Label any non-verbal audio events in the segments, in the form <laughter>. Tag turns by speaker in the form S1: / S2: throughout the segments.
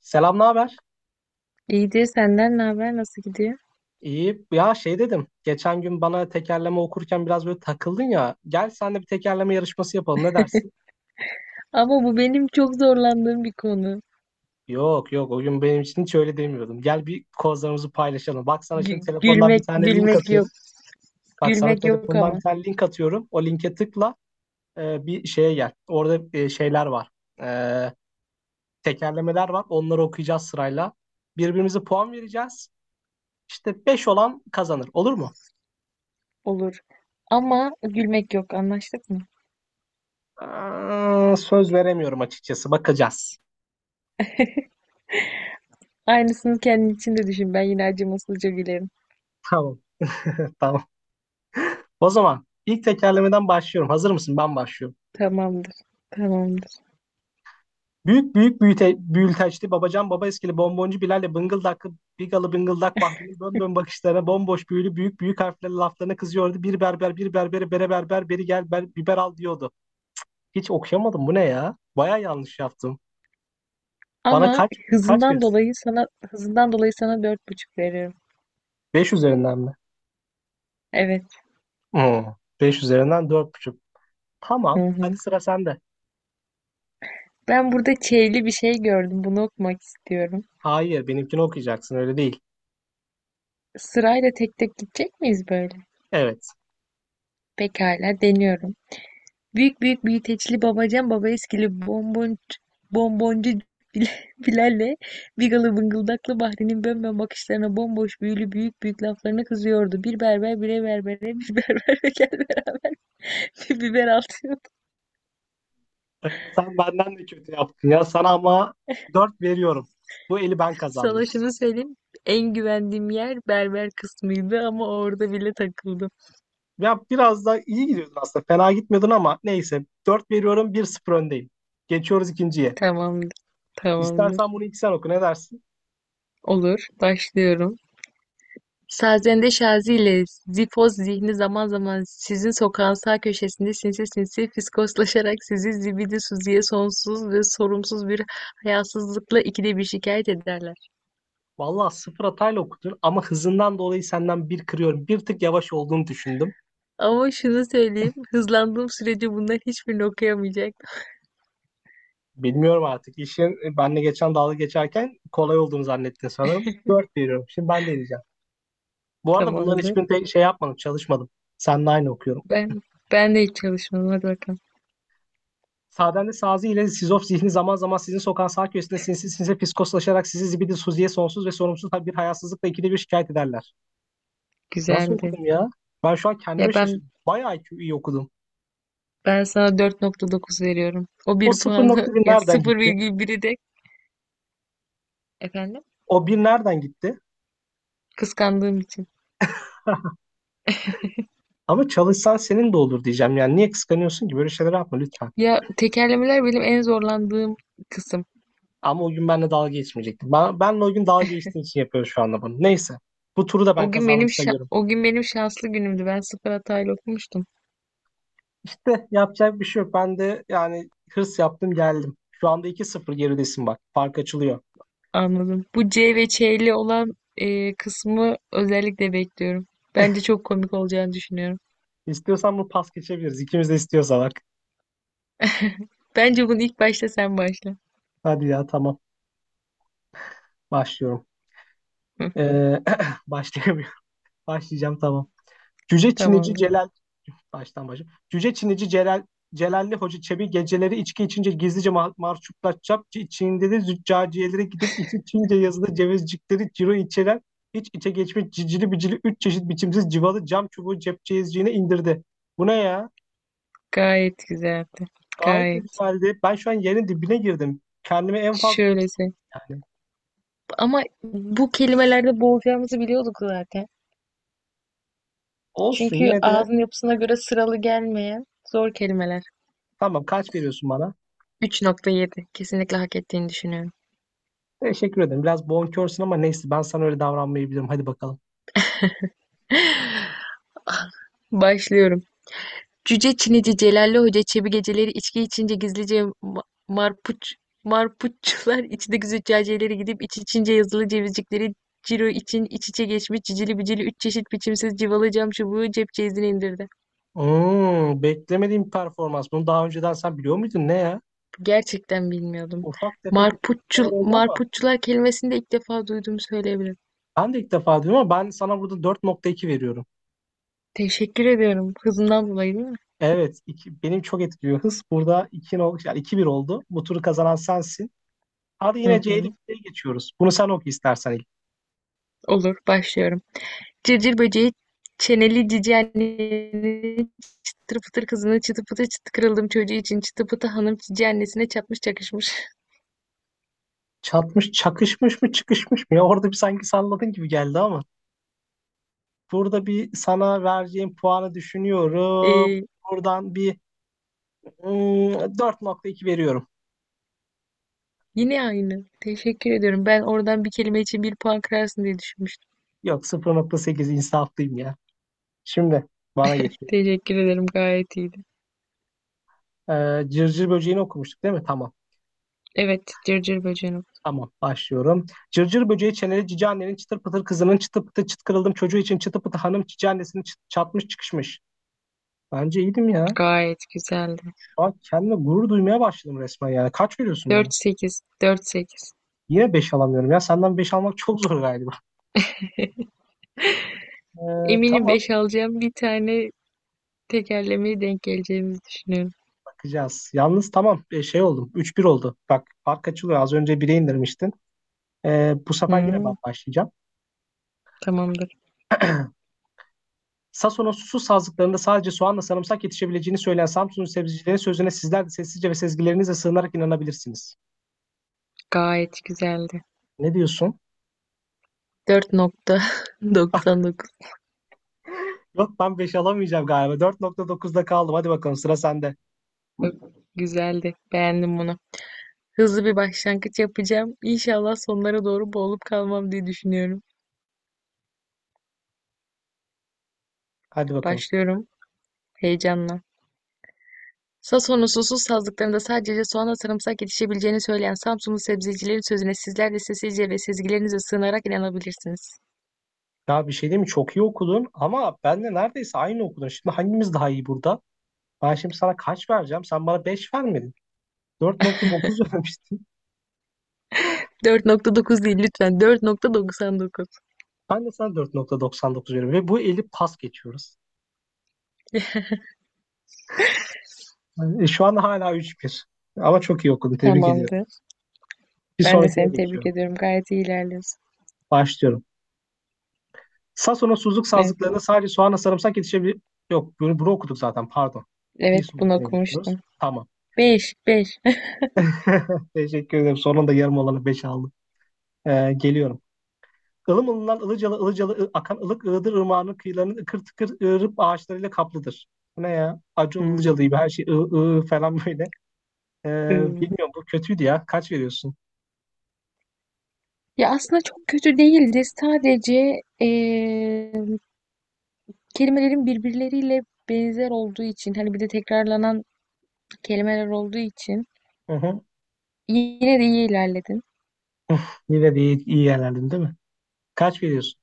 S1: Selam, ne haber?
S2: İyidir, senden ne haber, nasıl gidiyor?
S1: İyi. Ya şey dedim. Geçen gün bana tekerleme okurken biraz böyle takıldın ya. Gel sen de bir tekerleme yarışması yapalım. Ne dersin?
S2: Ama bu benim çok zorlandığım bir konu.
S1: Yok yok o gün benim için hiç öyle demiyordum. Gel bir kozlarımızı paylaşalım. Bak sana şimdi
S2: Gü-
S1: telefondan bir
S2: gülmek
S1: tane link
S2: gülmek yok.
S1: atıyorum. Bak sana
S2: Gülmek yok
S1: telefondan bir
S2: ama
S1: tane link atıyorum. O linke tıkla bir şeye gel. Orada şeyler var. E, tekerlemeler var. Onları okuyacağız sırayla. Birbirimize puan vereceğiz. İşte 5 olan kazanır. Olur mu?
S2: olur. Ama gülmek yok, anlaştık mı?
S1: Aa, söz veremiyorum açıkçası. Bakacağız.
S2: Aynısını kendin için de düşün. Ben yine acımasızca gülerim.
S1: Tamam, <laughs> tamam. O zaman ilk tekerlemeden başlıyorum. Hazır mısın? Ben başlıyorum.
S2: Tamamdır. Tamamdır.
S1: Büyük büyük büyüte, büyülteçli babacan baba eskili bomboncu Bilal'le bıngıldaklı bigalı bıngıldak Bahri'nin bön bön bakışlarına bomboş büyülü büyük büyük harflerle laflarına kızıyordu. Bir berber bir berbere bere berber beri gel ber, biber al diyordu. Hiç okuyamadım, bu ne ya? Baya yanlış yaptım. Bana
S2: Ama
S1: kaç
S2: hızından
S1: verirsin?
S2: dolayı sana hızından dolayı sana dört buçuk veriyorum.
S1: 5 üzerinden mi?
S2: Evet.
S1: Hmm, 5 üzerinden dört buçuk.
S2: Hı
S1: Tamam,
S2: hı.
S1: hadi sıra sende.
S2: Ben burada çeyli bir şey gördüm. Bunu okumak istiyorum.
S1: Hayır, benimkini okuyacaksın, öyle değil.
S2: Sırayla tek tek gidecek miyiz böyle?
S1: Evet.
S2: Pekala, deniyorum. Büyük büyük büyüteçli babacan baba eskili bonbon, bonboncu Bil- <laughs> Bilal'le Bigalı bıngıldaklı Bahri'nin bönbön bakışlarına bomboş büyülü büyük büyük laflarına kızıyordu. Bir berber bire berbere bir berber <laughs> ve gel beraber bir biber atıyordu.
S1: Ee, Sen benden de kötü yaptın ya. Sana ama 4 veriyorum. Bu eli ben kazandım.
S2: Sana şunu söyleyeyim. En güvendiğim yer berber kısmıydı ama orada bile takıldım.
S1: Ya biraz da iyi gidiyordun aslında. Fena gitmiyordun ama neyse. Dört veriyorum. Bir 0 öndeyim. Geçiyoruz ikinciye.
S2: Tamamdır. Tamamdır.
S1: İstersen bunu ilk sen oku, ne dersin?
S2: Olur. Başlıyorum. Sazende Şazi ile Zifoz Zihni zaman zaman sizin sokağın sağ köşesinde sinsi sinsi fiskoslaşarak sizi zibidi Suzi'ye sonsuz ve sorumsuz bir hayasızlıkla ikide bir şikayet ederler.
S1: Vallahi sıfır hatayla okudun ama hızından dolayı senden bir kırıyorum. Bir tık yavaş olduğunu düşündüm.
S2: Ama şunu söyleyeyim, hızlandığım sürece bunlar hiçbirini okuyamayacak.
S1: Bilmiyorum artık. İşin benle geçen dalga geçerken kolay olduğunu zannettin sanırım. 4 veriyorum. Şimdi ben deneyeceğim. Bu arada bunların
S2: Tamamdır.
S1: hiçbirini tek şey yapmadım, çalışmadım. Seninle aynı okuyorum.
S2: Ben ben de hiç çalışmadım. Hadi bakalım.
S1: Saden'de Sazi ile Sizof zihni zaman zaman sizin sokan sağ köşesinde sinsi sinsi fiskoslaşarak sizi zibidi suziye sonsuz ve sorumsuz bir hayasızlıkla ikide bir şikayet ederler. Nasıl
S2: Güzeldi.
S1: okudum ya? Ben şu an
S2: Ya
S1: kendime
S2: ben
S1: şaşırdım. Bayağı iyi okudum.
S2: ben sana dört nokta dokuz veriyorum. O
S1: O
S2: bir
S1: sıfır
S2: puanı
S1: nokta
S2: <laughs>
S1: bir
S2: ya,
S1: nereden
S2: sıfır
S1: gitti?
S2: virgül biri de, efendim,
S1: O bir nereden gitti?
S2: kıskandığım için.
S1: <laughs> Ama çalışsan senin de olur diyeceğim. Yani niye kıskanıyorsun ki? Böyle şeyler yapma lütfen.
S2: Ya, tekerlemeler benim en zorlandığım kısım.
S1: Ama o gün benimle dalga geçmeyecekti. Benle o gün dalga geçtiğin için yapıyor şu anda bunu. Neyse. Bu turu da ben kazandım sayıyorum.
S2: O gün benim şanslı günümdü. Ben sıfır hatayla okumuştum.
S1: De yapacak bir şey yok. Ben de yani hırs yaptım geldim. Şu anda 2-0 geridesin bak. Fark açılıyor.
S2: Anladım. Bu C ve Ç'li olan kısmı özellikle bekliyorum. Bence çok komik olacağını düşünüyorum.
S1: İstiyorsan bunu pas geçebiliriz. İkimiz de istiyorsa bak.
S2: Bence bunu ilk başta sen başla.
S1: Hadi ya, tamam. Başlıyorum.
S2: Hı,
S1: Ee, <clears throat> başlayamıyorum. <laughs> Başlayacağım, tamam. Cüce Çinici
S2: tamamdır.
S1: Celal. Baştan başa. Cüce Çinici Celal, Celalli Hoca Çebi geceleri içki içince gizlice marşuplar çapçı Çin'de de züccaciyelere gidip içi Çince yazılı cevizcikleri ciro içeren hiç içe geçmiş cicili bicili üç çeşit biçimsiz civalı cam çubuğu cepçeyizciğine indirdi. Bu ne ya?
S2: Gayet güzeldi.
S1: Gayet de
S2: Gayet.
S1: güzeldi. Ben şu an yerin dibine girdim. Kendime en fazla
S2: Şöylese.
S1: yani
S2: Ama bu kelimelerde boğulacağımızı biliyorduk zaten.
S1: olsun
S2: Çünkü
S1: yine de,
S2: ağzın yapısına göre sıralı gelmeyen zor kelimeler.
S1: tamam, kaç veriyorsun bana?
S2: Üç nokta yedi. Kesinlikle hak ettiğini düşünüyorum.
S1: Teşekkür ederim. Biraz bonkörsün ama neyse, ben sana öyle davranmayabilirim. Hadi bakalım.
S2: Başlıyorum. Cüce Çinici Celalli Hoca Çebi geceleri içki içince gizlice marpuççular içindeki züccaciyelere gidip iç içince yazılı cevizcikleri ciro için iç içe geçmiş cicili bicili üç çeşit biçimsiz civalı cam çubuğu cep ceyizine indirdi.
S1: Hmm, beklemediğim bir performans. Bunu daha önceden sen biliyor muydun? Ne ya?
S2: Gerçekten bilmiyordum.
S1: Ufak tefek bir tepkiler oldu ama.
S2: Marpuççular kelimesini de ilk defa duyduğumu söyleyebilirim.
S1: Ben de ilk defa duydum ama ben sana burada dört nokta iki veriyorum.
S2: Teşekkür ediyorum. Hızından dolayı değil mi?
S1: Evet, iki, benim çok etkiliyor hız. Burada 2, yani iki bir oldu. Bu turu kazanan sensin. Hadi
S2: Hı
S1: yine C'li
S2: hı.
S1: bir şeye geçiyoruz. Bunu sen oku istersen.
S2: Olur, başlıyorum. Cırcır böceği çeneli cici annenin çıtır pıtır kızına çıtı pıtı çıtı kırıldım çocuğu için. Çıtı pıtı hanım cici annesine çapmış çakışmış. <laughs>
S1: Çatmış, çakışmış mı, çıkışmış mı? Ya orada bir sanki salladın gibi geldi ama. Burada bir sana vereceğim puanı düşünüyorum.
S2: Ee,
S1: Buradan bir hmm, dört nokta iki veriyorum.
S2: Yine aynı. Teşekkür ediyorum. Ben oradan bir kelime için bir puan kırarsın diye düşünmüştüm.
S1: Yok, sıfır nokta sekiz insaflıyım ya. Şimdi bana geçiyor.
S2: Teşekkür ederim. Gayet iyiydi.
S1: Cırcır böceğini okumuştuk değil mi? Tamam.
S2: Evet. Cırcır bacanım.
S1: Tamam, başlıyorum. Cırcır böceği çeneli cici annenin çıtır pıtır kızının çıtı pıtı çıt kırıldım çocuğu için çıtı pıtı hanım cici annesini çatmış çıkışmış. Bence iyiydim ya.
S2: Gayet güzeldi.
S1: Şu an kendime gurur duymaya başladım resmen yani. Kaç veriyorsun bana?
S2: 4-8. 4-8.
S1: Yine 5 alamıyorum ya. Senden 5 almak çok zor galiba.
S2: Eminim
S1: Tamam,
S2: 5 alacağım. Bir tane tekerlemeye denk geleceğimizi düşünüyorum.
S1: bakacağız. Yalnız tamam, şey oldum. 3-1 oldu. Bak fark açılıyor. Az önce 1'e indirmiştin. Bu sefer yine ben
S2: Hmm,
S1: başlayacağım.
S2: Tamamdır.
S1: Sason'un susuz sazlıklarında sadece soğanla sarımsak yetişebileceğini söyleyen Samsun'un sebzecilerin sözüne sizler de sessizce ve sezgilerinizle sığınarak inanabilirsiniz.
S2: Gayet güzeldi.
S1: Ne diyorsun?
S2: 4.99.
S1: Yok, ben beş alamayacağım galiba. 4.9'da kaldım. Hadi bakalım, sıra sende.
S2: Güzeldi. Beğendim bunu. Hızlı bir başlangıç yapacağım. İnşallah sonlara doğru boğulup kalmam diye düşünüyorum.
S1: Hadi bakalım.
S2: Başlıyorum heyecanla. Sason'un susuz sazlıklarında sadece soğanla sarımsak yetişebileceğini söyleyen Samsunlu sebzecilerin sözüne sizler de sessizce ve sezgilerinize sığınarak inanabilirsiniz.
S1: Ya bir şey değil mi? Çok iyi okudun ama ben de neredeyse aynı okudun. Şimdi hangimiz daha iyi burada? Ben şimdi sana kaç vereceğim? Sen bana 5 vermedin. Dört nokta dokuz <laughs> vermiştin.
S2: 4.9 değil lütfen, 4.99.
S1: Ben de sana dört nokta doksan dokuz veriyorum. Ve bu eli pas geçiyoruz. Yani şu an hala üç bir. Ama çok iyi okudun. Tebrik ediyorum.
S2: Tamamdır.
S1: Bir
S2: Ben de
S1: sonrakine
S2: seni tebrik
S1: geçiyorum.
S2: ediyorum. Gayet iyi ilerliyorsun.
S1: Başlıyorum. Sason'un suzluk
S2: Evet,
S1: sazlıklarına sadece soğanla sarımsak yetişebilir. Yok, bunu okuduk zaten. Pardon. Bir
S2: evet, bunu
S1: sonrakine geçiyoruz.
S2: okumuştum.
S1: Tamam.
S2: 5, 5.
S1: <laughs> Teşekkür ederim. Sonunda yarım olanı 5 aldım. Geliyorum. Ilım ılınan ılıcalı ılıcalı akan ılık ığdır ırmağının kıyılarının ıkır tıkır ığırıp ağaçlarıyla kaplıdır. Bu ne ya?
S2: <laughs>
S1: Acun Ilıcalı
S2: Hmm.
S1: gibi her şey ığ ığ falan böyle. Ee,
S2: ıı.
S1: Bilmiyorum, bu kötüydü ya. Kaç veriyorsun?
S2: Ya, aslında çok kötü değildi. Sadece kelimelerin birbirleriyle benzer olduğu için, hani bir de tekrarlanan kelimeler olduğu için
S1: Hı hı.
S2: yine de iyi ilerledin.
S1: <laughs> Yine de iyi yerlerdin değil mi? Kaç veriyorsun?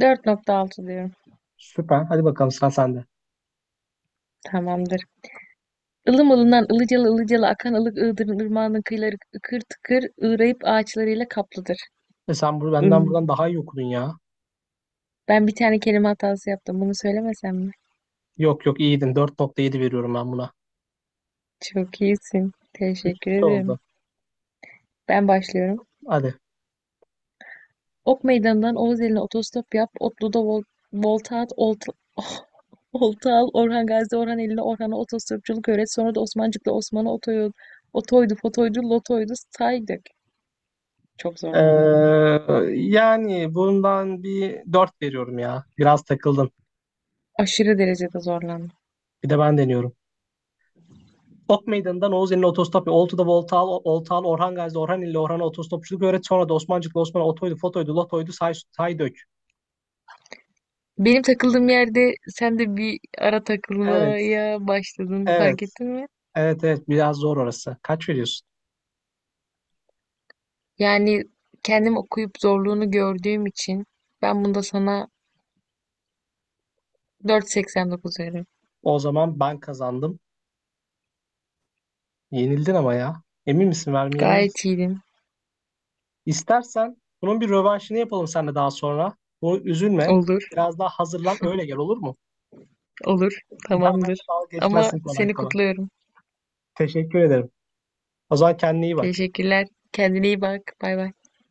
S2: Dört nokta altı diyorum.
S1: Süper. Hadi bakalım, sıra sende.
S2: Tamamdır. Ilım ılından ılıcalı ılıcalı akan ılık ığdırın ırmağının kıyıları ıkır tıkır ığrayıp ağaçlarıyla kaplıdır.
S1: E sen bunu benden
S2: Hmm.
S1: buradan daha iyi okudun ya.
S2: Ben bir tane kelime hatası yaptım. Bunu söylemesem mi?
S1: Yok yok, iyiydin. Dört nokta yedi veriyorum ben buna.
S2: Çok iyisin. Teşekkür
S1: Ne
S2: ederim.
S1: oldu?
S2: Ben başlıyorum.
S1: Hadi.
S2: Ok Meydanı'ndan Oğuz eline otostop yap. Otlu'da volta at. Olta, <laughs> olta al. Orhan Gazi, Orhan eline Orhan'a otostopçuluk öğret. Sonra da Osmancık'la Osman'a otoyol, otoydu, fotoydu, lotoydu, saydık. Çok zorlandım.
S1: Ee, Yani bundan bir 4 veriyorum ya. Biraz takıldın.
S2: Aşırı derecede zorlandım.
S1: Bir de ben deniyorum. Top Meydanı'ndan Oğuzeli'ne otostop, Oltu'da Voltal, Oltal, Orhan Gazi'de Orhan ile Orhan'a otostopçuluk öğret. Sonra da Osmancık'la Osman'a otoydu, fotoydu, lotoydu, say, say dök.
S2: Benim takıldığım yerde sen de bir ara
S1: Evet,
S2: takılmaya başladın, fark
S1: evet,
S2: ettin mi?
S1: evet, evet. Biraz zor orası. Kaç veriyorsun?
S2: Yani kendim okuyup zorluğunu gördüğüm için ben bunda sana 4.89 veririm.
S1: O zaman ben kazandım. Yenildin ama ya. Emin misin, vermeye emin misin?
S2: Gayet iyiydim.
S1: İstersen bunun bir rövanşını yapalım seninle daha sonra. Bu üzülme.
S2: Olur.
S1: Biraz daha hazırlan öyle gel, olur mu?
S2: Olur,
S1: Bir daha benimle
S2: tamamdır.
S1: dalga
S2: Ama
S1: geçmezsin kolay
S2: seni
S1: kolay.
S2: kutluyorum.
S1: Teşekkür ederim. O zaman kendine iyi bak.
S2: Teşekkürler. Kendine iyi bak. Bay bay.